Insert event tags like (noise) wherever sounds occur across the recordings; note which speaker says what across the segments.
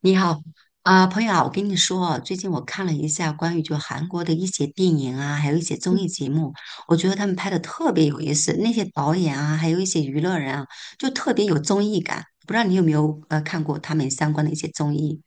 Speaker 1: 你好，朋友啊，我跟你说啊，最近我看了一下关于就韩国的一些电影啊，还有一些综艺节目，我觉得他们拍的特别有意思，那些导演啊，还有一些娱乐人啊，就特别有综艺感。不知道你有没有看过他们相关的一些综艺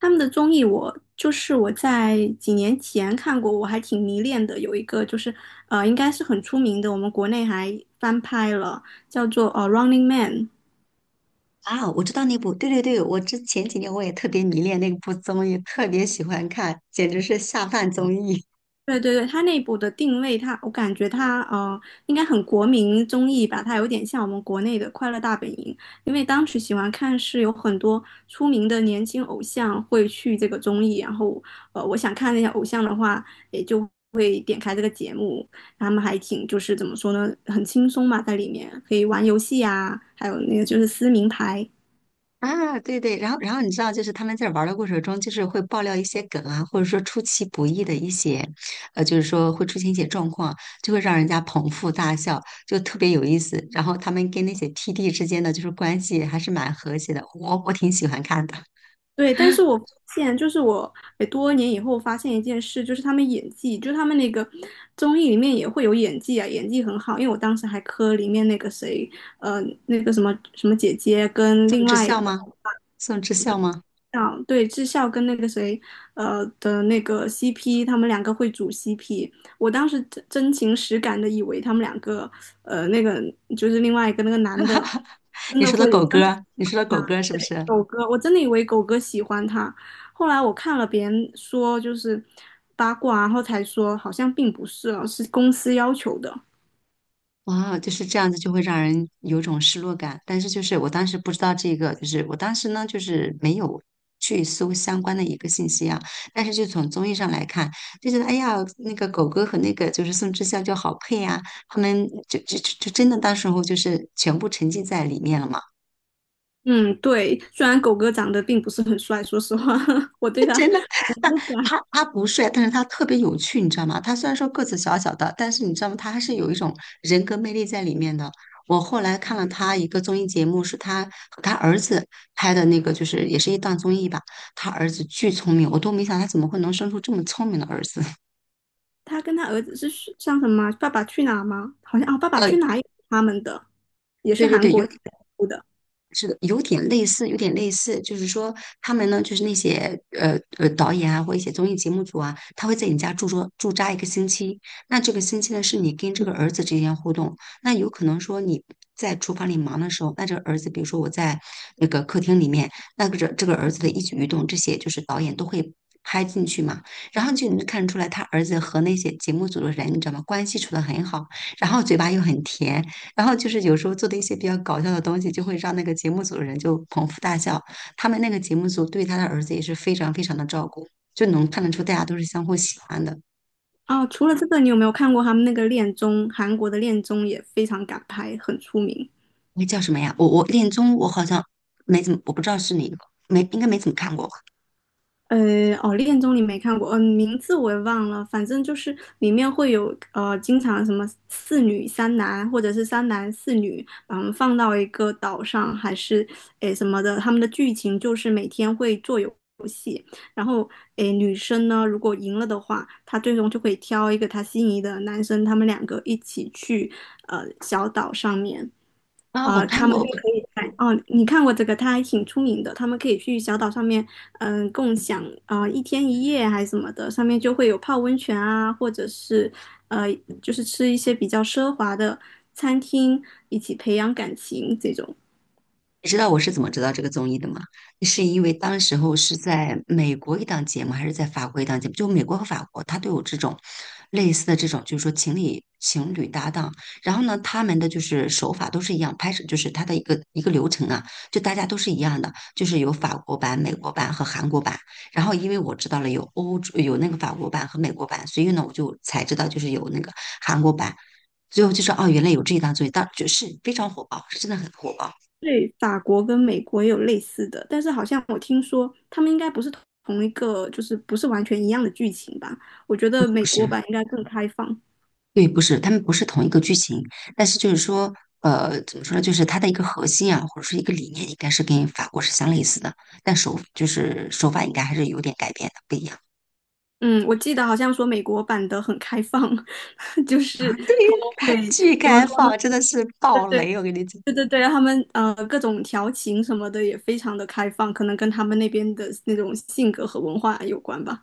Speaker 2: 他们的综艺我就是我在几年前看过，我还挺迷恋的。有一个就是应该是很出名的，我们国内还翻拍了，叫做《Running Man》。
Speaker 1: 啊？我知道那部，对对对，我之前几年我也特别迷恋那部综艺，特别喜欢看，简直是下饭综艺。
Speaker 2: 对对对，它内部的定位它，我感觉它应该很国民综艺吧，它有点像我们国内的《快乐大本营》。因为当时喜欢看是有很多出名的年轻偶像会去这个综艺，然后我想看那些偶像的话，也就会点开这个节目。他们还挺怎么说呢，很轻松嘛，在里面可以玩游戏啊，还有那个就是撕名牌。
Speaker 1: 啊，对对，然后你知道，就是他们在玩的过程中，就是会爆料一些梗啊，或者说出其不意的一些，就是说会出现一些状况，就会让人家捧腹大笑，就特别有意思。然后他们跟那些 TD 之间的就是关系还是蛮和谐的，我挺喜欢看的。
Speaker 2: 对，但是我多年以后发现一件事，就是他们演技，就是他们那个综艺里面也会有演技啊，演技很好。因为我当时还磕里面那个谁，呃，那个什么什么姐姐跟
Speaker 1: 宋
Speaker 2: 另
Speaker 1: 智
Speaker 2: 外一
Speaker 1: 孝
Speaker 2: 个。
Speaker 1: 吗？宋智孝吗？
Speaker 2: 啊，对，智孝跟那个谁的那个 CP,他们两个会组 CP。我当时真真情实感的以为他们两个，呃，那个另外一个那个男的，真
Speaker 1: 你
Speaker 2: 的
Speaker 1: 说的
Speaker 2: 会
Speaker 1: 狗
Speaker 2: 真的。
Speaker 1: 哥，你说的狗哥是不是？
Speaker 2: 狗哥，我真的以为狗哥喜欢他，后来我看了别人说就是八卦，然后才说好像并不是哦，是公司要求的。
Speaker 1: 哇，就是这样子，就会让人有种失落感。但是就是我当时不知道这个，就是我当时呢，就是没有去搜相关的一个信息啊。但是就从综艺上来看，就觉得哎呀，那个狗哥和那个就是宋智孝就好配啊，他们就真的到时候就是全部沉浸在里面了嘛。
Speaker 2: 嗯，对，虽然狗哥长得并不是很帅，说实话，(laughs) 我对他很不管。
Speaker 1: 他不帅，但是他特别有趣，你知道吗？他虽然说个子小小的，但是你知道吗？他还是有一
Speaker 2: 嗯，
Speaker 1: 种人格魅力在里面的。我后来看了他一个综艺节目，是他和他儿子拍的那个，就是也是一档综艺吧。他儿子巨聪明，我都没想他怎么会能生出这么聪明的儿子。(laughs)
Speaker 2: 他跟他儿子是像什么啊《爸爸去哪儿》吗？好像啊，《爸爸
Speaker 1: 呃，
Speaker 2: 去哪儿》也是他们的，也是
Speaker 1: 对对
Speaker 2: 韩
Speaker 1: 对，有
Speaker 2: 国出的。
Speaker 1: 是的，有点类似，有点类似，就是说他们呢，就是那些导演啊，或一些综艺节目组啊，他会在你家驻扎一个星期。那这个星期呢，是你跟这个儿子之间互动。那有可能说你在厨房里忙的时候，那这个儿子，比如说我在那个客厅里面，那个这个儿子的一举一动，这些就是导演都会拍进去嘛。然后就能看出来，他儿子和那些节目组的人，你知道吗？关系处得很好，然后嘴巴又很甜。然后就是有时候做的一些比较搞笑的东西，就会让那个节目组的人就捧腹大笑。他们那个节目组对他的儿子也是非常非常的照顾，就能看得出大家都是相互喜欢的。
Speaker 2: 哦，除了这个，你有没有看过他们那个恋综？韩国的恋综也非常敢拍，很出名。
Speaker 1: 那叫什么呀？我恋综我好像没怎么，我不知道是哪个，没应该没怎么看过吧？
Speaker 2: 《恋综》你没看过，嗯、名字我也忘了，反正就是里面会有经常什么四女三男，或者是三男四女，把他们放到一个岛上，还是诶什么的。他们的剧情就是每天会做游戏，然后，诶，女生呢，如果赢了的话，她最终就可以挑一个她心仪的男生，他们两个一起去小岛上面。
Speaker 1: 啊，我
Speaker 2: 啊、
Speaker 1: 看
Speaker 2: 他们就
Speaker 1: 过，
Speaker 2: 可以在哦，你看过这个，它还挺出名的，他们可以去小岛上面，嗯、共享啊、一天一夜还是什么的，上面就会有泡温泉啊，或者是呃就是吃一些比较奢华的餐厅，一起培养感情这种。
Speaker 1: 你知道我是怎么知道这个综艺的吗？是因为当时候是在美国一档节目，还是在法国一档节目？就美国和法国，它都有这种类似的这种，就是说情侣搭档。然后呢，他们的就是手法都是一样，拍摄就是它的一个流程啊，就大家都是一样的，就是有法国版、美国版和韩国版。然后因为我知道了有欧洲有那个法国版和美国版，所以呢，我就才知道就是有那个韩国版。最后就说哦，原来有这一档综艺，当就是非常火爆，是真的很火爆，
Speaker 2: 对，法国跟美国也有类似的，但是好像我听说他们应该不是同一个，就是不是完全一样的剧情吧？我觉
Speaker 1: 不
Speaker 2: 得美国
Speaker 1: 是。
Speaker 2: 版应该更开放。
Speaker 1: 对，不是，他们不是同一个剧情，但是就是说，怎么说呢？就是它的一个核心啊，或者说一个理念，应该是跟法国是相类似的，但手就是手法应该还是有点改变的，不一样
Speaker 2: 嗯，我记得好像说美国版的很开放，(laughs) 就
Speaker 1: 啊。
Speaker 2: 是
Speaker 1: (laughs) 对
Speaker 2: 他们
Speaker 1: 呀，
Speaker 2: 会
Speaker 1: 巨
Speaker 2: 怎么
Speaker 1: 开
Speaker 2: 说呢？
Speaker 1: 放，真的是
Speaker 2: 对
Speaker 1: 爆
Speaker 2: 对
Speaker 1: 雷！我跟你讲。
Speaker 2: 对，他们各种调情什么的也非常的开放，可能跟他们那边的那种性格和文化有关吧。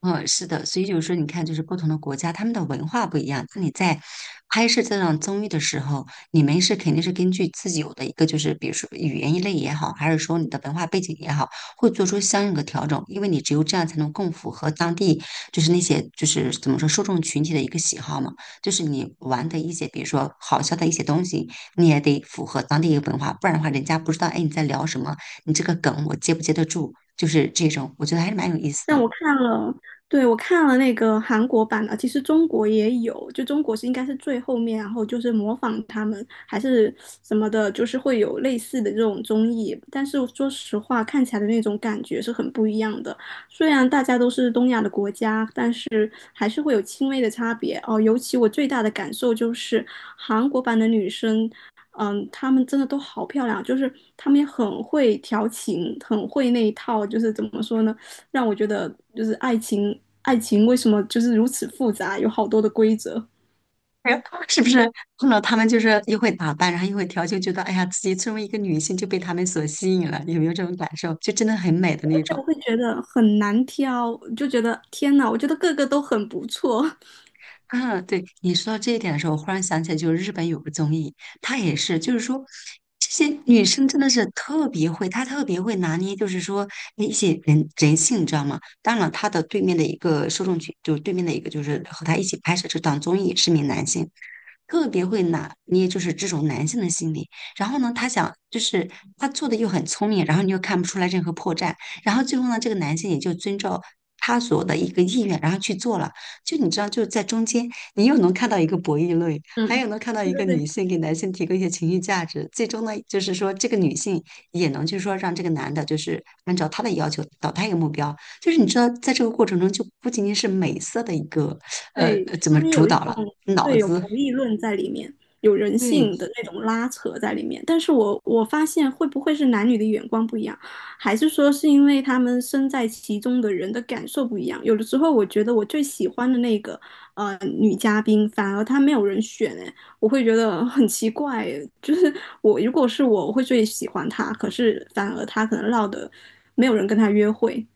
Speaker 1: 嗯，是的，所以就是说，你看，就是不同的国家，他们的文化不一样。那你在拍摄这档综艺的时候，你们是肯定是根据自己有的一个，就是比如说语言一类也好，还是说你的文化背景也好，会做出相应的调整，因为你只有这样才能更符合当地就是那些就是怎么说受众群体的一个喜好嘛。就是你玩的一些，比如说好笑的一些东西，你也得符合当地一个文化，不然的话，人家不知道哎你在聊什么，你这个梗我接不接得住，就是这种，我觉得还是蛮有意思
Speaker 2: 但
Speaker 1: 的。
Speaker 2: 我看了，对，我看了那个韩国版的，其实中国也有，就中国是应该是最后面，然后就是模仿他们还是什么的，就是会有类似的这种综艺。但是说实话，看起来的那种感觉是很不一样的。虽然大家都是东亚的国家，但是还是会有轻微的差别哦。尤其我最大的感受就是韩国版的女生。嗯，她们真的都好漂亮，就是她们也很会调情，很会那一套，就是怎么说呢？让我觉得就是爱情，爱情为什么就是如此复杂，有好多的规则。
Speaker 1: 哎呀，(laughs) 是不是碰到他们就是又会打扮，然后又会调酒，觉得哎呀，自己作为一个女性就被他们所吸引了，有没有这种感受？就真的很美的那
Speaker 2: 但
Speaker 1: 种。
Speaker 2: 我会觉得很难挑，就觉得天哪，我觉得个个都很不错。
Speaker 1: 嗯，对，你说到这一点的时候，我忽然想起来，就是日本有个综艺，它也是，就是说这些女生真的是特别会，她特别会拿捏，就是说一些性，你知道吗？当然了，她的对面的一个受众群，就是对面的一个，就是和她一起拍摄这档综艺是名男性。特别会拿捏，就是这种男性的心理。然后呢，他想就是他做的又很聪明，然后你又看不出来任何破绽。然后最后呢，这个男性也就遵照他所的一个意愿，然后去做了。就你知道，就是在中间，你又能看到一个博弈论，还
Speaker 2: 嗯，
Speaker 1: 有能看到
Speaker 2: 对
Speaker 1: 一个
Speaker 2: 对
Speaker 1: 女
Speaker 2: 对，
Speaker 1: 性给男性提供一些情绪价值。最终呢，就是说这个女性也能就是说让这个男的，就是按照他的要求导到一个目标。就是你知道，在这个过程中，就不仅仅是美色的一个
Speaker 2: 对，
Speaker 1: 怎
Speaker 2: 他
Speaker 1: 么
Speaker 2: 们
Speaker 1: 主
Speaker 2: 有一
Speaker 1: 导了，
Speaker 2: 种
Speaker 1: 脑
Speaker 2: 对有
Speaker 1: 子
Speaker 2: 博弈论在里面，有人
Speaker 1: 对，
Speaker 2: 性的那种拉扯在里面。但是我发现会不会是男女的眼光不一样，还是说是因为他们身在其中的人的感受不一样？有的时候我觉得我最喜欢的那个女嘉宾，反而她没有人选，哎，我会觉得很奇怪诶，就是我如果是我，我会最喜欢她，可是反而她可能落得没有人跟她约会。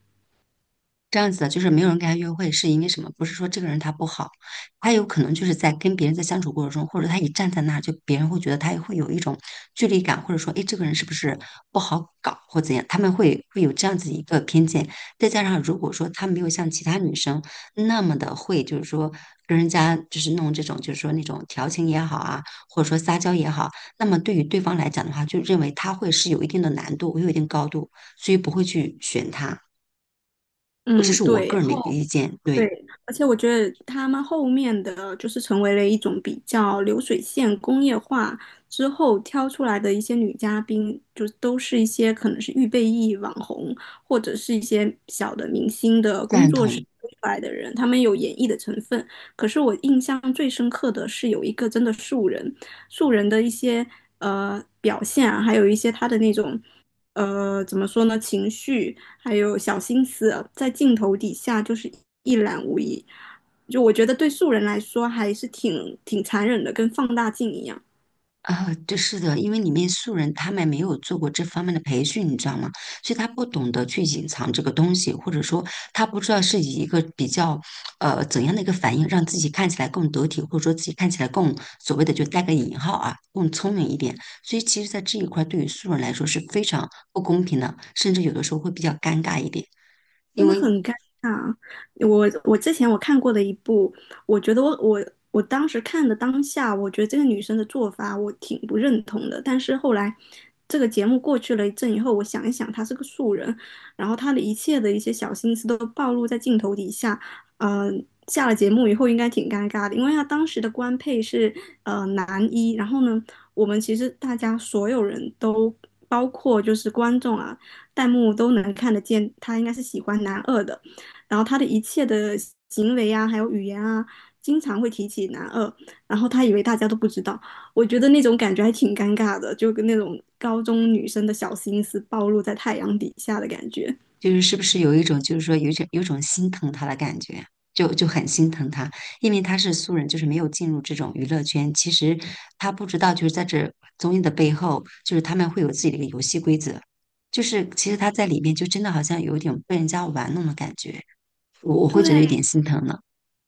Speaker 1: 这样子的，就是没有人跟他约会，是因为什么？不是说这个人他不好，他有可能就是在跟别人在相处过程中，或者他一站在那儿，就别人会觉得他会有一种距离感，或者说，哎，这个人是不是不好搞或怎样？他们会有这样子一个偏见。再加上如果说他没有像其他女生那么的会，就是说跟人家就是弄这种，就是说那种调情也好啊，或者说撒娇也好，那么对于对方来讲的话，就认为他会是有一定的难度，有一定高度，所以不会去选他。这
Speaker 2: 嗯，
Speaker 1: 是我
Speaker 2: 对。
Speaker 1: 个人
Speaker 2: 然
Speaker 1: 的一
Speaker 2: 后。
Speaker 1: 个意见，
Speaker 2: 对，
Speaker 1: 对，
Speaker 2: 而且我觉得他们后面的就是成为了一种比较流水线工业化之后挑出来的一些女嘉宾，就都是一些可能是预备役网红，或者是一些小的明星的工
Speaker 1: 赞
Speaker 2: 作室
Speaker 1: 同
Speaker 2: 推出来的人，他们有演绎的成分。可是我印象最深刻的是有一个真的素人，素人的一些表现啊，还有一些他的那种怎么说呢，情绪。还有小心思，在镜头底下就是一览无遗。就我觉得对素人来说还是挺残忍的，跟放大镜一样。
Speaker 1: 啊，对，是的，因为里面素人他们没有做过这方面的培训，你知道吗？所以他不懂得去隐藏这个东西，或者说他不知道是以一个比较怎样的一个反应，让自己看起来更得体，或者说自己看起来更所谓的就带个引号啊，更聪明一点。所以其实，在这一块对于素人来说是非常不公平的，甚至有的时候会比较尴尬一点。
Speaker 2: 真
Speaker 1: 因
Speaker 2: 的
Speaker 1: 为
Speaker 2: 很尴尬。我我之前我看过的一部，我觉得我当时看的当下，我觉得这个女生的做法我挺不认同的。但是后来这个节目过去了一阵以后，我想一想，她是个素人，然后她的一切的一些小心思都暴露在镜头底下。嗯，下了节目以后应该挺尴尬的，因为她当时的官配是男一，然后呢，我们其实大家所有人都。包括就是观众啊，弹幕都能看得见，他应该是喜欢男二的。然后他的一切的行为啊，还有语言啊，经常会提起男二。然后他以为大家都不知道，我觉得那种感觉还挺尴尬的，就跟那种高中女生的小心思暴露在太阳底下的感觉。
Speaker 1: 就是是不是有一种就是说有一种心疼他的感觉，就很心疼他，因为他是素人，就是没有进入这种娱乐圈，其实他不知道就是在这综艺的背后，就是他们会有自己的一个游戏规则，就是其实他在里面就真的好像有一点被人家玩弄的感觉，我
Speaker 2: 对，
Speaker 1: 会觉得有点心疼呢。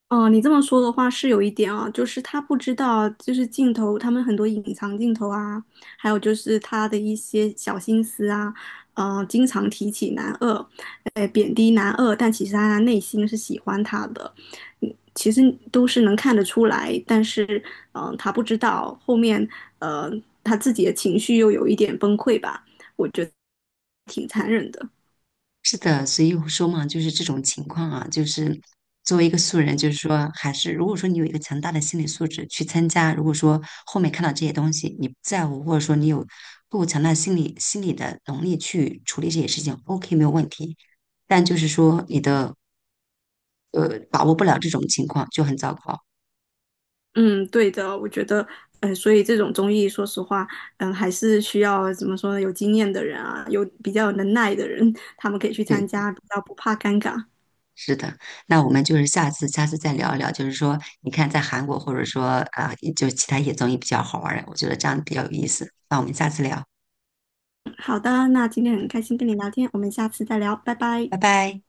Speaker 2: 哦，你这么说的话是有一点啊，就是他不知道，就是镜头，他们很多隐藏镜头啊，还有就是他的一些小心思啊，经常提起男二，贬低男二，但其实他内心是喜欢他的。嗯，其实都是能看得出来，但是，嗯、他不知道后面，呃，他自己的情绪又有一点崩溃吧，挺残忍的。
Speaker 1: 是的，所以我说嘛，就是这种情况啊，就是作为一个素人，就是说，还是如果说你有一个强大的心理素质去参加，如果说后面看到这些东西你不在乎，或者说你有够强大的心理的能力去处理这些事情，OK 没有问题。但就是说你的把握不了这种情况就很糟糕。
Speaker 2: 嗯，对的，我觉得，嗯、所以这种综艺，说实话，嗯，还是需要怎么说呢？有经验的人啊，有比较有能耐的人，他们可以去参
Speaker 1: 对，
Speaker 2: 加，比较不怕尴尬。
Speaker 1: 是的。那我们就是下次再聊一聊，就是说你看在韩国或者说就其他一些综艺比较好玩儿，我觉得这样比较有意思。那我们下次聊，
Speaker 2: 好的，那今天很开心跟你聊天，我们下次再聊，拜拜。
Speaker 1: 拜拜。